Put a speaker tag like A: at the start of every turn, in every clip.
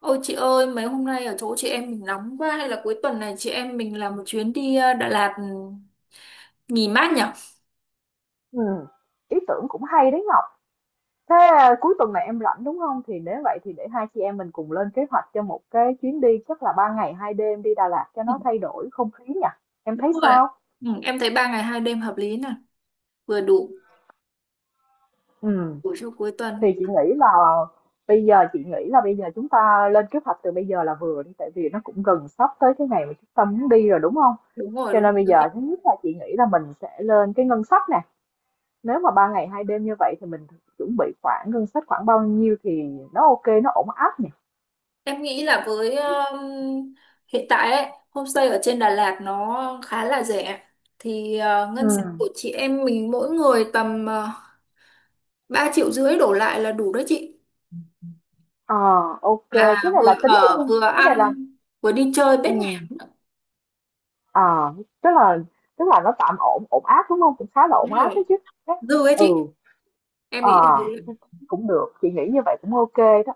A: Ôi chị ơi, mấy hôm nay ở chỗ chị em mình nóng quá hay là cuối tuần này chị em mình làm một chuyến đi Đà Lạt nghỉ mát nhỉ?
B: Ừm, ý tưởng cũng hay đấy Ngọc. Thế à, cuối tuần này em rảnh đúng không? Nếu vậy thì để hai chị em mình cùng lên kế hoạch cho một chuyến đi chắc là ba ngày hai đêm đi Đà Lạt cho
A: Ừ.
B: nó thay đổi không khí nhỉ? Em thấy
A: Đúng rồi.
B: sao?
A: Ừ, em thấy ba ngày hai đêm hợp lý nè, vừa đủ
B: Ừ,
A: đủ cho cuối
B: thì
A: tuần.
B: chị nghĩ là bây giờ chị nghĩ là bây giờ chúng ta lên kế hoạch từ bây giờ là vừa đi tại vì nó cũng gần sắp tới cái ngày mà chúng ta muốn đi rồi đúng không?
A: Đúng rồi,
B: Cho
A: đúng
B: nên bây
A: rồi, chị.
B: giờ thứ nhất là chị nghĩ là mình sẽ lên cái ngân sách nè. Nếu mà ba ngày hai đêm như vậy thì mình chuẩn bị khoảng ngân sách khoảng bao nhiêu thì nó ok, nó ổn áp nhỉ?
A: Em nghĩ là với hiện tại ấy, homestay ở trên Đà Lạt nó khá là rẻ. Thì ngân sách
B: Ừm,
A: của chị em mình mỗi người tầm 3 triệu rưỡi đổ lại là đủ đó chị.
B: ờ, ok, cái
A: Là
B: này
A: vừa
B: là tính
A: ở
B: luôn,
A: vừa
B: cái này là
A: ăn vừa đi chơi bết
B: ừm, ờ, tức là nó tạm ổn ổn áp, đúng hông? Cũng khá là ổn áp
A: nhạc.
B: đó chứ. Cái
A: Dư ấy
B: ừ,
A: chị, em
B: ờ,
A: nghĩ là thế.
B: cũng được, chị nghĩ như vậy cũng ok đó.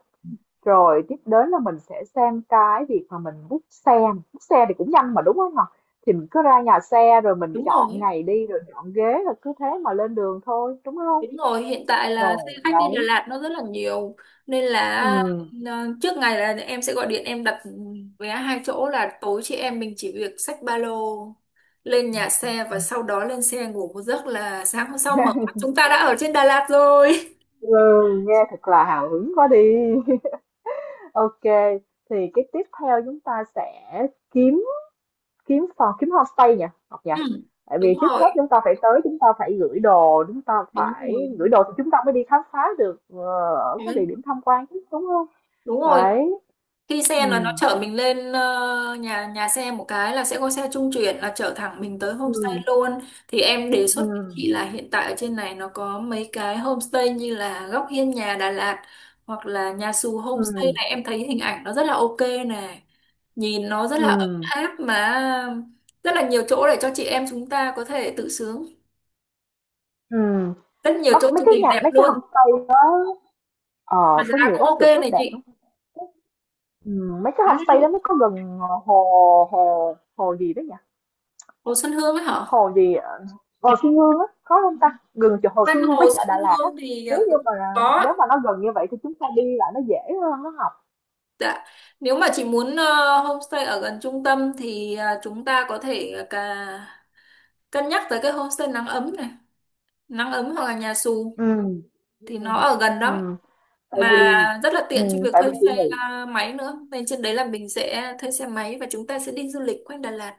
B: Rồi tiếp đến là mình sẽ xem cái việc mà mình book xe thì cũng nhanh mà, đúng hông nè? Thì mình cứ ra nhà xe rồi mình
A: Đúng rồi,
B: chọn ngày đi, rồi chọn ghế, rồi cứ thế mà lên đường thôi, đúng hông?
A: đúng rồi, hiện tại là
B: Rồi,
A: xe khách đi Đà
B: đấy,
A: Lạt nó rất là nhiều nên là
B: ừm,
A: ờ, trước ngày là em sẽ gọi điện, đặt vé hai chỗ, là tối chị em mình chỉ việc xách ba lô lên nhà xe và sau đó lên xe ngủ một giấc là sáng hôm sau mở mắt chúng ta đã ở trên Đà Lạt rồi.
B: ừ, nghe thật là hào hứng quá đi. Ok, thì cái tiếp theo chúng ta sẽ kiếm kiếm phòng kiếm homestay nhỉ, Ngọc nhỉ?
A: Ừ,
B: Tại
A: đúng
B: vì trước hết
A: rồi,
B: chúng ta phải tới, chúng ta phải gửi đồ,
A: đúng rồi.
B: thì chúng ta mới đi khám phá được ở các địa
A: Ừ,
B: điểm tham quan chứ đúng không?
A: đúng rồi,
B: Đấy.
A: khi xe là nó
B: Ừ.
A: chở mình lên nhà nhà xe, một cái là sẽ có xe trung chuyển là chở thẳng mình tới homestay
B: Ừ.
A: luôn. Thì em đề xuất
B: Ừ.
A: với chị là hiện tại ở trên này nó có mấy cái homestay như là Góc Hiên Nhà Đà Lạt hoặc là Nhà Xù Homestay,
B: Ừ.
A: này em thấy hình ảnh nó rất là ok nè, nhìn nó rất
B: Ừ.
A: là ấm áp, mà rất là nhiều chỗ để cho chị em chúng ta có thể tự sướng,
B: Ừ.
A: rất nhiều
B: Bắt
A: chỗ
B: mấy
A: chụp
B: cái
A: hình
B: nhà
A: đẹp
B: mấy cái
A: luôn,
B: homestay đó
A: mà
B: ờ, có
A: giá
B: nhiều
A: cũng
B: góc chụp
A: ok
B: rất
A: này
B: đẹp lắm.
A: chị.
B: Ừ, mấy cái
A: À,
B: homestay đó nó có gần hồ hồ hồ gì đó nhỉ?
A: Hồ Xuân Hương ấy hả,
B: Hồ gì, Hồ Xuân Hương á, khó hông ta? Gần chỗ Hồ
A: quanh
B: Xuân Hương
A: Hồ
B: với chợ
A: Xuân
B: Đà Lạt á,
A: Hương thì
B: nếu như
A: cũng
B: mà
A: có.
B: nếu mà nó gần như vậy thì chúng ta đi lại nó dễ hơn á Học.
A: Dạ. Nếu mà chị muốn homestay ở gần trung tâm thì chúng ta có thể cả cân nhắc tới cái homestay nắng ấm này, nắng ấm hoặc là nhà xù
B: Ừm,
A: thì nó
B: ừm,
A: ở gần lắm
B: tại
A: mà
B: vì
A: rất là tiện cho việc
B: tại
A: thuê
B: vì chị
A: xe
B: nghĩ
A: máy nữa. Nên trên đấy là mình sẽ thuê xe máy và chúng ta sẽ đi du lịch quanh Đà Lạt.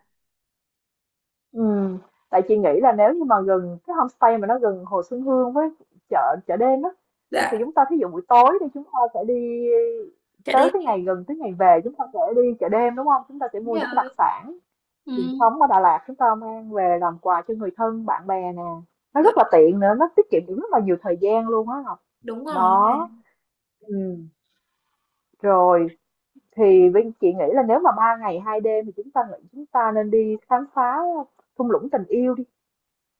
B: ừm, tại chị nghĩ là nếu như mà gần cái homestay mà nó gần Hồ Xuân Hương với chợ chợ đêm á, thì
A: Dạ,
B: chúng ta thí dụ buổi tối thì chúng ta sẽ đi
A: chạy
B: tới
A: đây
B: cái ngày gần tới ngày về chúng ta sẽ đi chợ đêm, đúng không? Chúng ta sẽ mua
A: nhà
B: những cái đặc
A: ơi.
B: sản
A: Ừ.
B: truyền thống ở Đà Lạt chúng ta mang về làm quà cho người thân bạn bè nè, nó
A: Rồi,
B: rất là tiện nữa nó tiết kiệm được rất là nhiều thời gian luôn á Ngọc.
A: đúng rồi.
B: Đó ừ. Rồi thì Vinh chị nghĩ là nếu mà ba ngày hai đêm thì chúng ta nên đi khám phá thung lũng tình yêu đi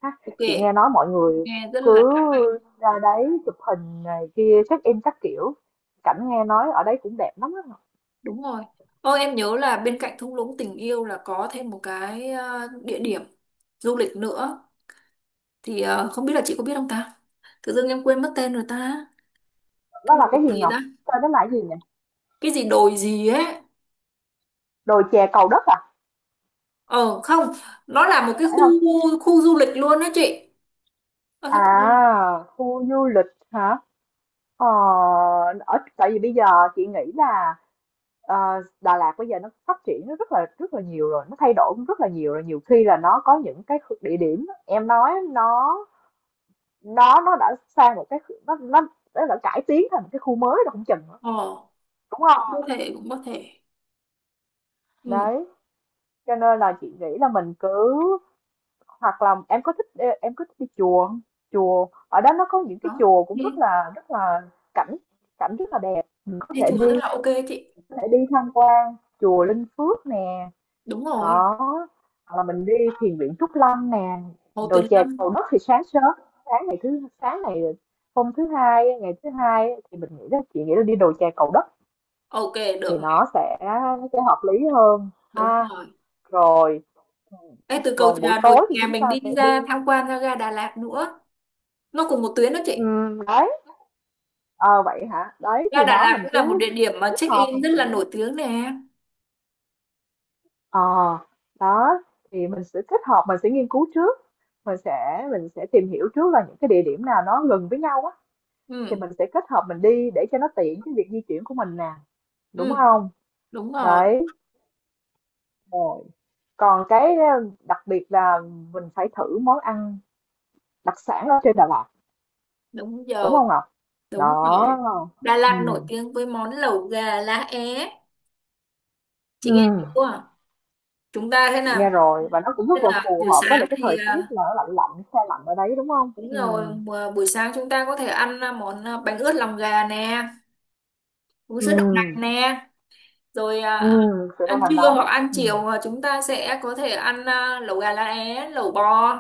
B: ha,
A: Ok,
B: chị nghe nói mọi người
A: nghe rất là
B: cứ
A: lãng mạn.
B: ra đấy chụp hình này kia check in các kiểu cảnh, nghe nói ở đấy cũng đẹp lắm đó, Ngọc.
A: Đúng rồi. Ô, em nhớ là bên cạnh thung lũng tình yêu là có thêm một cái địa điểm du lịch nữa, thì không biết là chị có biết không ta, tự dưng em quên mất tên rồi ta,
B: Đó
A: cái
B: là
A: đồi
B: cái gì
A: gì
B: Ngọc,
A: ta,
B: tên đó là cái gì nhỉ?
A: cái gì đồi gì ấy.
B: Đồi chè Cầu Đất à?
A: Ờ không, nó là một cái
B: Phải không?
A: khu khu du lịch luôn đó chị. Ờ sao tự nhiên.
B: À khu du lịch hả? Ờ, ở tại vì bây giờ chị nghĩ là ờ, Đà Lạt bây giờ nó phát triển nó rất là nhiều rồi, nó thay đổi cũng rất là nhiều rồi, nhiều khi là nó có những cái địa điểm em nói nó đã sang một cái nó đã cải tiến thành một cái khu mới rồi không chừng nữa,
A: Ờ
B: đúng
A: cũng
B: không?
A: có thể, cũng có thể. Ừ.
B: Đấy, cho nên là chị nghĩ là mình cứ hoặc là em có thích đi chùa không? Chùa ở đó nó có những cái
A: Đó
B: chùa cũng
A: đi,
B: rất là cảnh, rất là đẹp, mình có
A: đi
B: thể
A: chùa rất
B: đi,
A: là ok chị.
B: có thể đi tham quan chùa Linh Phước nè.
A: Đúng rồi.
B: Đó hoặc là mình đi thiền viện Trúc Lâm nè.
A: Hồ
B: Rồi
A: Tuyền
B: chè
A: Lâm.
B: Cầu Đất thì sáng sớm, sáng ngày thứ sáng này hôm thứ hai ngày thứ hai thì mình nghĩ là chị nghĩ là đi đồi chè Cầu Đất
A: Ok,
B: thì
A: được này.
B: nó sẽ hợp lý hơn
A: Đúng
B: ha.
A: rồi.
B: Rồi
A: Ê, từ cầu
B: còn buổi
A: trà đồi
B: tối thì
A: kè
B: chúng
A: mình
B: ta
A: đi
B: sẽ đi.
A: ra tham quan ra ga Đà Lạt nữa, nó cùng một tuyến đó chị.
B: Đấy ờ vậy hả, đấy
A: Ga
B: thì
A: Đà
B: nó
A: Lạt
B: mình
A: cũng là một
B: cứ
A: địa điểm mà
B: kết
A: check
B: hợp
A: in
B: mình
A: rất
B: sẽ
A: là nổi tiếng nè.
B: ờ đó thì mình sẽ kết hợp, mình sẽ nghiên cứu trước, mình sẽ tìm hiểu trước là những cái địa điểm nào nó gần với nhau á, thì
A: Ừ.
B: mình sẽ kết hợp mình đi để cho nó tiện cái việc di chuyển của mình nè, đúng
A: Ừ.
B: không?
A: Đúng rồi.
B: Đấy rồi còn cái đặc biệt là mình phải thử món ăn đặc sản ở trên Đà Lạt,
A: Đúng
B: đúng
A: rồi,
B: không Ngọc?
A: đúng
B: Đó
A: rồi. Đà
B: ừ.
A: Lạt nổi tiếng với món lẩu gà lá é, chị
B: Ừ.
A: nghe chưa, chúng ta thế
B: Nghe
A: nào.
B: rồi và nó cũng
A: Thế
B: rất là
A: là
B: phù
A: buổi
B: hợp với
A: sáng
B: lại cái
A: thì
B: thời tiết là nó lạnh lạnh xe lạnh ở đấy, đúng không
A: đúng
B: ừ.
A: rồi, mà buổi sáng chúng ta có thể ăn món bánh ướt lòng gà nè, uống
B: Ừ.
A: sữa đậu nành nè, rồi
B: Ừ. Sự đang
A: ăn
B: nằm
A: trưa
B: nóng.
A: hoặc ăn
B: Ừ.
A: chiều chúng ta sẽ có thể ăn lẩu gà lá é, lẩu bò,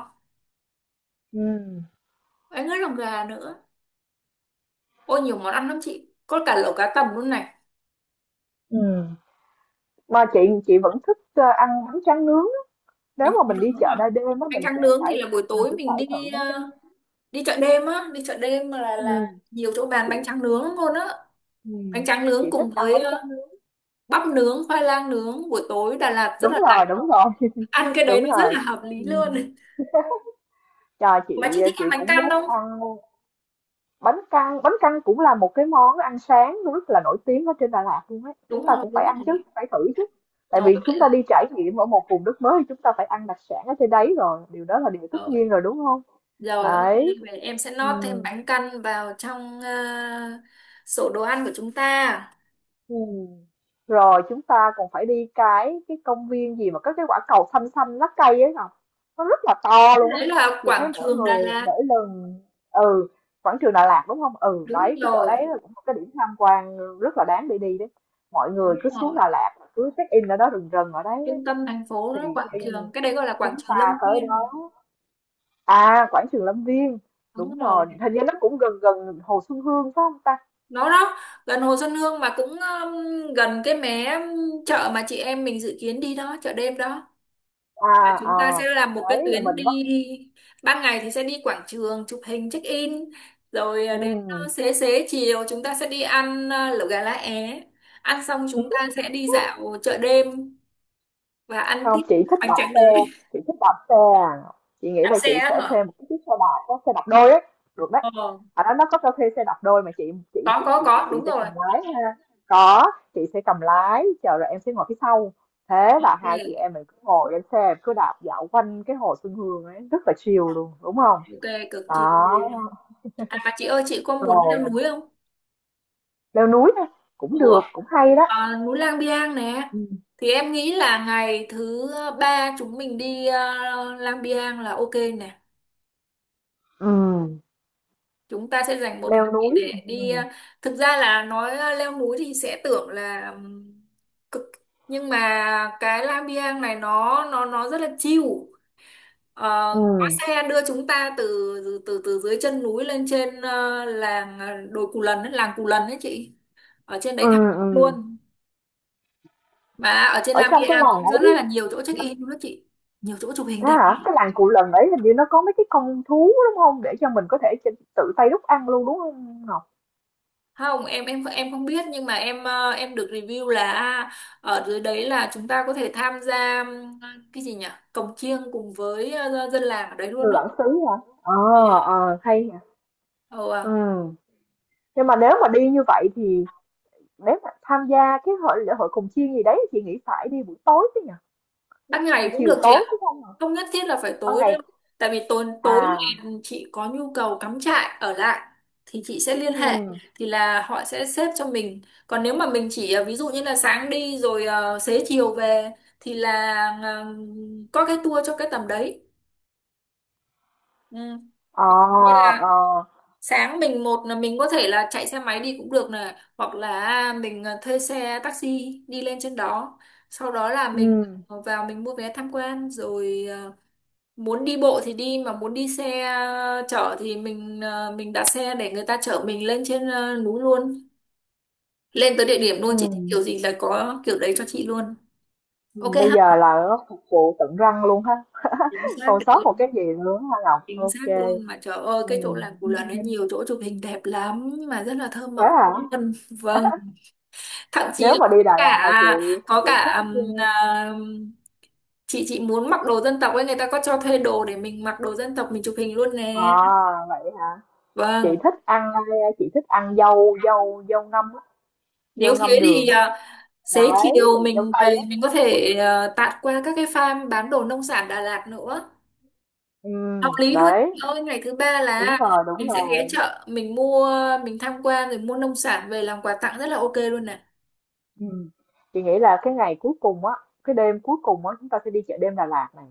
B: Ừ.
A: bánh ướt lòng gà nữa. Ôi nhiều món ăn lắm chị, có cả lẩu cá tầm luôn này.
B: Ừ. Mà chị vẫn thích ăn bánh tráng nướng. Nếu
A: Bánh tráng
B: mà mình đi
A: nướng
B: chợ
A: à,
B: đêm đêm á,
A: bánh tráng nướng thì là buổi
B: mình
A: tối
B: sẽ
A: mình
B: phải thử
A: đi
B: bánh tráng nướng.
A: đi chợ đêm á, đi chợ đêm là
B: Ừm,
A: nhiều chỗ bán
B: chị
A: bánh tráng nướng luôn á, bánh
B: ừm,
A: tráng
B: chị
A: nướng
B: thích
A: cùng
B: ăn
A: với
B: bánh tráng nướng.
A: bắp nướng, khoai lang nướng, buổi tối Đà Lạt rất
B: Đúng
A: là lạ.
B: rồi, đúng rồi,
A: Ăn cái đấy
B: đúng
A: nó rất
B: rồi.
A: là hợp lý
B: Ừm.
A: luôn.
B: Trời,
A: Mà chị
B: chị
A: thích
B: chị
A: ăn bánh
B: cũng
A: căn
B: muốn
A: không?
B: ăn bánh căn. Bánh căn cũng là một cái món ăn sáng rất là nổi tiếng ở trên Đà Lạt luôn ấy.
A: Đúng
B: Chúng ta
A: rồi,
B: cũng
A: đúng
B: phải ăn
A: rồi.
B: chứ, phải thử chứ. Tại
A: Rồi
B: vì
A: vậy
B: chúng ta
A: là
B: đi trải nghiệm ở một vùng đất mới thì chúng ta phải ăn đặc sản ở trên đấy rồi. Điều đó là điều tất
A: rồi,
B: nhiên rồi, đúng không?
A: rồi ok,
B: Đấy.
A: vậy em sẽ
B: Ừ.
A: nót thêm bánh căn vào trong sổ đồ ăn của chúng ta.
B: Ừ. Rồi chúng ta còn phải đi cái công viên gì mà có cái quả cầu xanh xanh lá cây ấy Ngọc, nó rất là to luôn
A: Cái
B: á.
A: đấy là
B: Chị thấy
A: quảng
B: mỗi
A: trường
B: người,
A: Đà Lạt.
B: mỗi lần ừ quảng trường Đà Lạt đúng không? Ừ
A: Đúng
B: đấy, cái chỗ đấy
A: rồi.
B: là cũng một cái điểm tham quan rất là đáng để đi đấy, mọi
A: Đúng
B: người cứ xuống
A: rồi,
B: Đà Lạt cứ check in ở đó, rừng rừng ở đấy, đấy.
A: trung tâm thành phố
B: Thì
A: nó quảng
B: khi
A: trường, cái đấy gọi là quảng
B: chúng
A: trường
B: ta
A: Lâm
B: tới
A: Viên.
B: đó à quảng trường Lâm Viên
A: Đúng
B: đúng
A: rồi.
B: rồi, hình như nó cũng gần gần Hồ Xuân Hương phải không ta?
A: Đó đó, gần Hồ Xuân Hương mà cũng gần cái mé chợ mà chị em mình dự kiến đi đó, chợ đêm đó. Là
B: À
A: chúng ta sẽ
B: ờ,
A: làm một cái
B: đấy là
A: tuyến
B: mình bắt
A: đi, ban ngày thì sẽ đi quảng trường chụp hình check in, rồi
B: ừ.
A: đến xế xế chiều chúng ta sẽ đi ăn lẩu gà lá é, ăn xong chúng ta sẽ đi dạo chợ đêm và ăn
B: Không
A: tiếp
B: chị thích
A: bánh
B: đạp
A: tráng nướng.
B: xe, chị thích đạp xe à, chị nghĩ
A: Đạp
B: là chị
A: xe á
B: sẽ
A: hả?
B: thuê một cái chiếc xe đạp, có xe đạp đôi ấy, được đấy,
A: Ờ,
B: ở đó nó có cho thuê xe đạp đôi mà chị, chị chị
A: có
B: chị
A: có
B: chị
A: đúng
B: sẽ
A: rồi.
B: cầm lái ha. Có, chị sẽ cầm lái chờ rồi em sẽ ngồi phía sau, thế là hai chị
A: Ok,
B: em mình cứ ngồi lên xe cứ đạp dạo quanh cái hồ Xuân Hương ấy, rất là chill luôn, đúng không?
A: ok, cực kỳ.
B: Đó
A: À mà chị ơi, chị có muốn leo
B: rồi,
A: núi không?
B: leo núi thôi, cũng
A: Ủa,
B: được cũng hay đó.
A: à, núi Lang Biang nè,
B: Ừ.
A: thì em nghĩ là ngày thứ ba chúng mình đi Lang Biang là ok nè,
B: Ừ.
A: chúng ta sẽ dành một ngày
B: Leo núi
A: để
B: ừ.
A: đi thực ra là nói leo núi thì sẽ tưởng là cực, nhưng mà cái Lang Biang này nó rất là chill. Ờ, có
B: Ừ.
A: xe đưa chúng ta từ từ từ dưới chân núi lên trên làng đồi Cù Lần ấy, làng Cù Lần ấy chị, ở trên
B: Ừ.
A: đấy thẳng
B: Ừ.
A: luôn, mà ở trên
B: Ở
A: Lam
B: trong cái
A: Gia
B: làng
A: cũng
B: ấy
A: rất là nhiều chỗ check in luôn đó chị, nhiều chỗ chụp hình
B: thế
A: đẹp
B: hả? Cái
A: lắm.
B: làng Cù Lần ấy hình như nó có mấy cái con thú đúng không? Để cho mình có thể ch tự tay đúc ăn luôn, đúng không Ngọc?
A: Không em, em không biết, nhưng mà em em được review là ở dưới đấy là chúng ta có thể tham gia cái gì nhỉ, cồng chiêng cùng với dân làng ở đấy luôn
B: Người
A: đó.
B: bản xứ hả? Ờ, ờ, hay nhỉ.
A: Ồ, à.
B: Ừ, nhưng mà nếu mà đi như vậy thì nếu mà tham gia cái lễ hội cồng chiêng gì đấy chị nghĩ phải đi buổi tối chứ nhỉ?
A: Ban ngày
B: Buổi
A: cũng
B: chiều
A: được chị
B: tối
A: ạ,
B: có không hả?
A: không nhất thiết là phải
B: Ban
A: tối đâu,
B: ngày
A: tại vì tối tối
B: à,
A: thì chị có nhu cầu cắm trại ở lại thì chị sẽ liên
B: ừ
A: hệ, thì là họ sẽ xếp cho mình. Còn nếu mà mình chỉ ví dụ như là sáng đi rồi xế chiều về thì là ờ, có cái tour cho cái tầm đấy. Ừ.
B: ờ,
A: Như là
B: ờ,
A: sáng mình, một là mình có thể là chạy xe máy đi cũng được này, hoặc là mình thuê xe taxi đi lên trên đó, sau đó là mình
B: ừ
A: vào mình mua vé tham quan, rồi muốn đi bộ thì đi, mà muốn đi xe chở thì mình mình đặt xe để người ta chở mình lên trên núi luôn, lên tới địa điểm luôn,
B: ừ
A: chị thích kiểu gì là có kiểu đấy cho chị luôn. Ok
B: bây
A: ha,
B: giờ là nó phục vụ tận răng luôn ha,
A: chính xác
B: không
A: cái
B: sót
A: đấy,
B: một cái gì nữa á Ngọc?
A: chính
B: Ok
A: xác luôn. Mà trời ơi
B: ừ
A: cái chỗ làng Cù Lần ấy nhiều chỗ chụp hình đẹp lắm, mà rất là thơ mộng,
B: hả?
A: vân vâng, thậm chí
B: Nếu
A: là
B: mà đi Đà
A: có
B: Lạt là chị
A: cả, có
B: chị
A: cả
B: thích,
A: chị muốn mặc đồ dân tộc ấy, người ta có cho thuê đồ để mình mặc đồ dân tộc mình chụp hình luôn
B: ơ
A: nè.
B: à, vậy hả? Chị
A: Vâng.
B: thích ăn, a, chị thích ăn dâu dâu dâu ngâm á, dâu
A: Nếu thế
B: ngâm
A: thì
B: đường á.
A: xế
B: Đấy,
A: chiều
B: dâu
A: mình
B: tây
A: về mình
B: á.
A: có thể tạt qua các cái farm bán đồ nông sản Đà Lạt nữa. Hợp lý luôn.
B: Đấy,
A: Chị ơi ngày thứ ba
B: đúng
A: là
B: rồi, đúng
A: mình sẽ ghé
B: rồi.
A: chợ, mình mua, mình tham quan rồi mua nông sản về làm quà tặng, rất là ok luôn nè.
B: Ừm. Chị nghĩ là cái ngày cuối cùng á, cái đêm cuối cùng á chúng ta sẽ đi chợ đêm Đà Lạt này,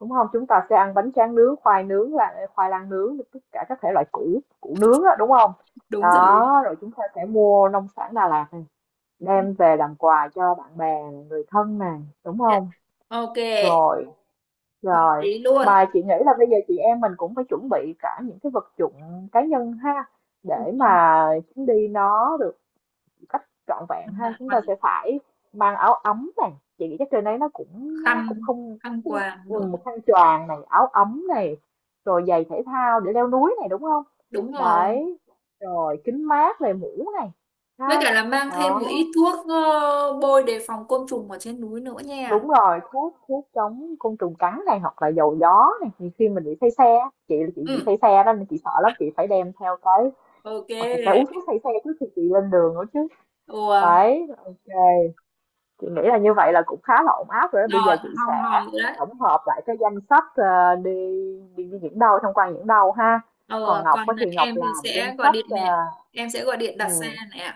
B: đúng không? Chúng ta sẽ ăn bánh tráng nướng, khoai nướng, là khoai lang nướng, tất cả các thể loại củ củ nướng á, đúng không?
A: Đúng rồi.
B: Đó, rồi chúng ta sẽ mua nông sản Đà Lạt
A: Ừ.
B: đem về làm quà cho bạn bè người thân này, đúng
A: Dạ.
B: không?
A: Ok,
B: Rồi,
A: hợp
B: rồi
A: lý luôn.
B: mà chị nghĩ là bây giờ chị em mình cũng phải chuẩn bị cả những cái vật dụng cá nhân ha,
A: Đúng
B: để
A: rồi.
B: mà chuyến đi nó được cách trọn vẹn ha,
A: Mà
B: chúng ta
A: còn
B: sẽ phải mang áo ấm này, chị nghĩ chắc trên đấy nó cũng
A: khăn,
B: không
A: khăn quàng
B: ừ,
A: nữa.
B: một khăn choàng này, áo ấm này, rồi giày thể thao để leo núi này, đúng không?
A: Đúng rồi.
B: Đấy rồi kính mát này mũ này
A: Với
B: ha.
A: cả là mang thêm một
B: Đó
A: ít thuốc bôi đề phòng côn trùng ở trên núi nữa nha.
B: đúng rồi, thuốc thuốc chống côn trùng cắn này hoặc là dầu gió này, thì khi mình bị say xe á, chị là chị bị
A: Ừ,
B: say xe đó nên chị sợ lắm chị phải đem theo cái, hoặc chị phải uống
A: ok.
B: thuốc say xe trước khi chị lên đường nữa chứ.
A: Ủa,
B: Đấy ok, chị nghĩ là như vậy là cũng khá là ổn áp rồi đó. Bây
A: rồi
B: giờ chị
A: hòm
B: sẽ
A: hòm rồi đấy.
B: tổng hợp lại cái danh sách đi, đi, đi những đâu tham quan những đâu ha. Còn
A: Ờ
B: Ngọc
A: còn
B: á thì Ngọc
A: em thì
B: làm danh
A: sẽ gọi
B: sách
A: điện nè, em sẽ gọi điện đặt xe
B: ừ,
A: nè.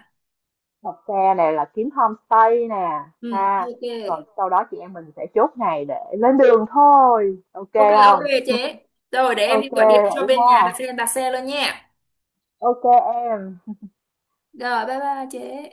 B: đặt xe này là kiếm homestay nè
A: Ừ.
B: ha.
A: Ok,
B: Rồi sau đó chị em mình sẽ chốt ngày để lên đường thôi, ok
A: ok. Ok
B: không?
A: chế. Rồi để em đi
B: Ok
A: gọi điện cho
B: vậy
A: bên
B: ha,
A: nhà đặt xe, đặt xe luôn nha.
B: ok em.
A: Rồi, bye bye chế.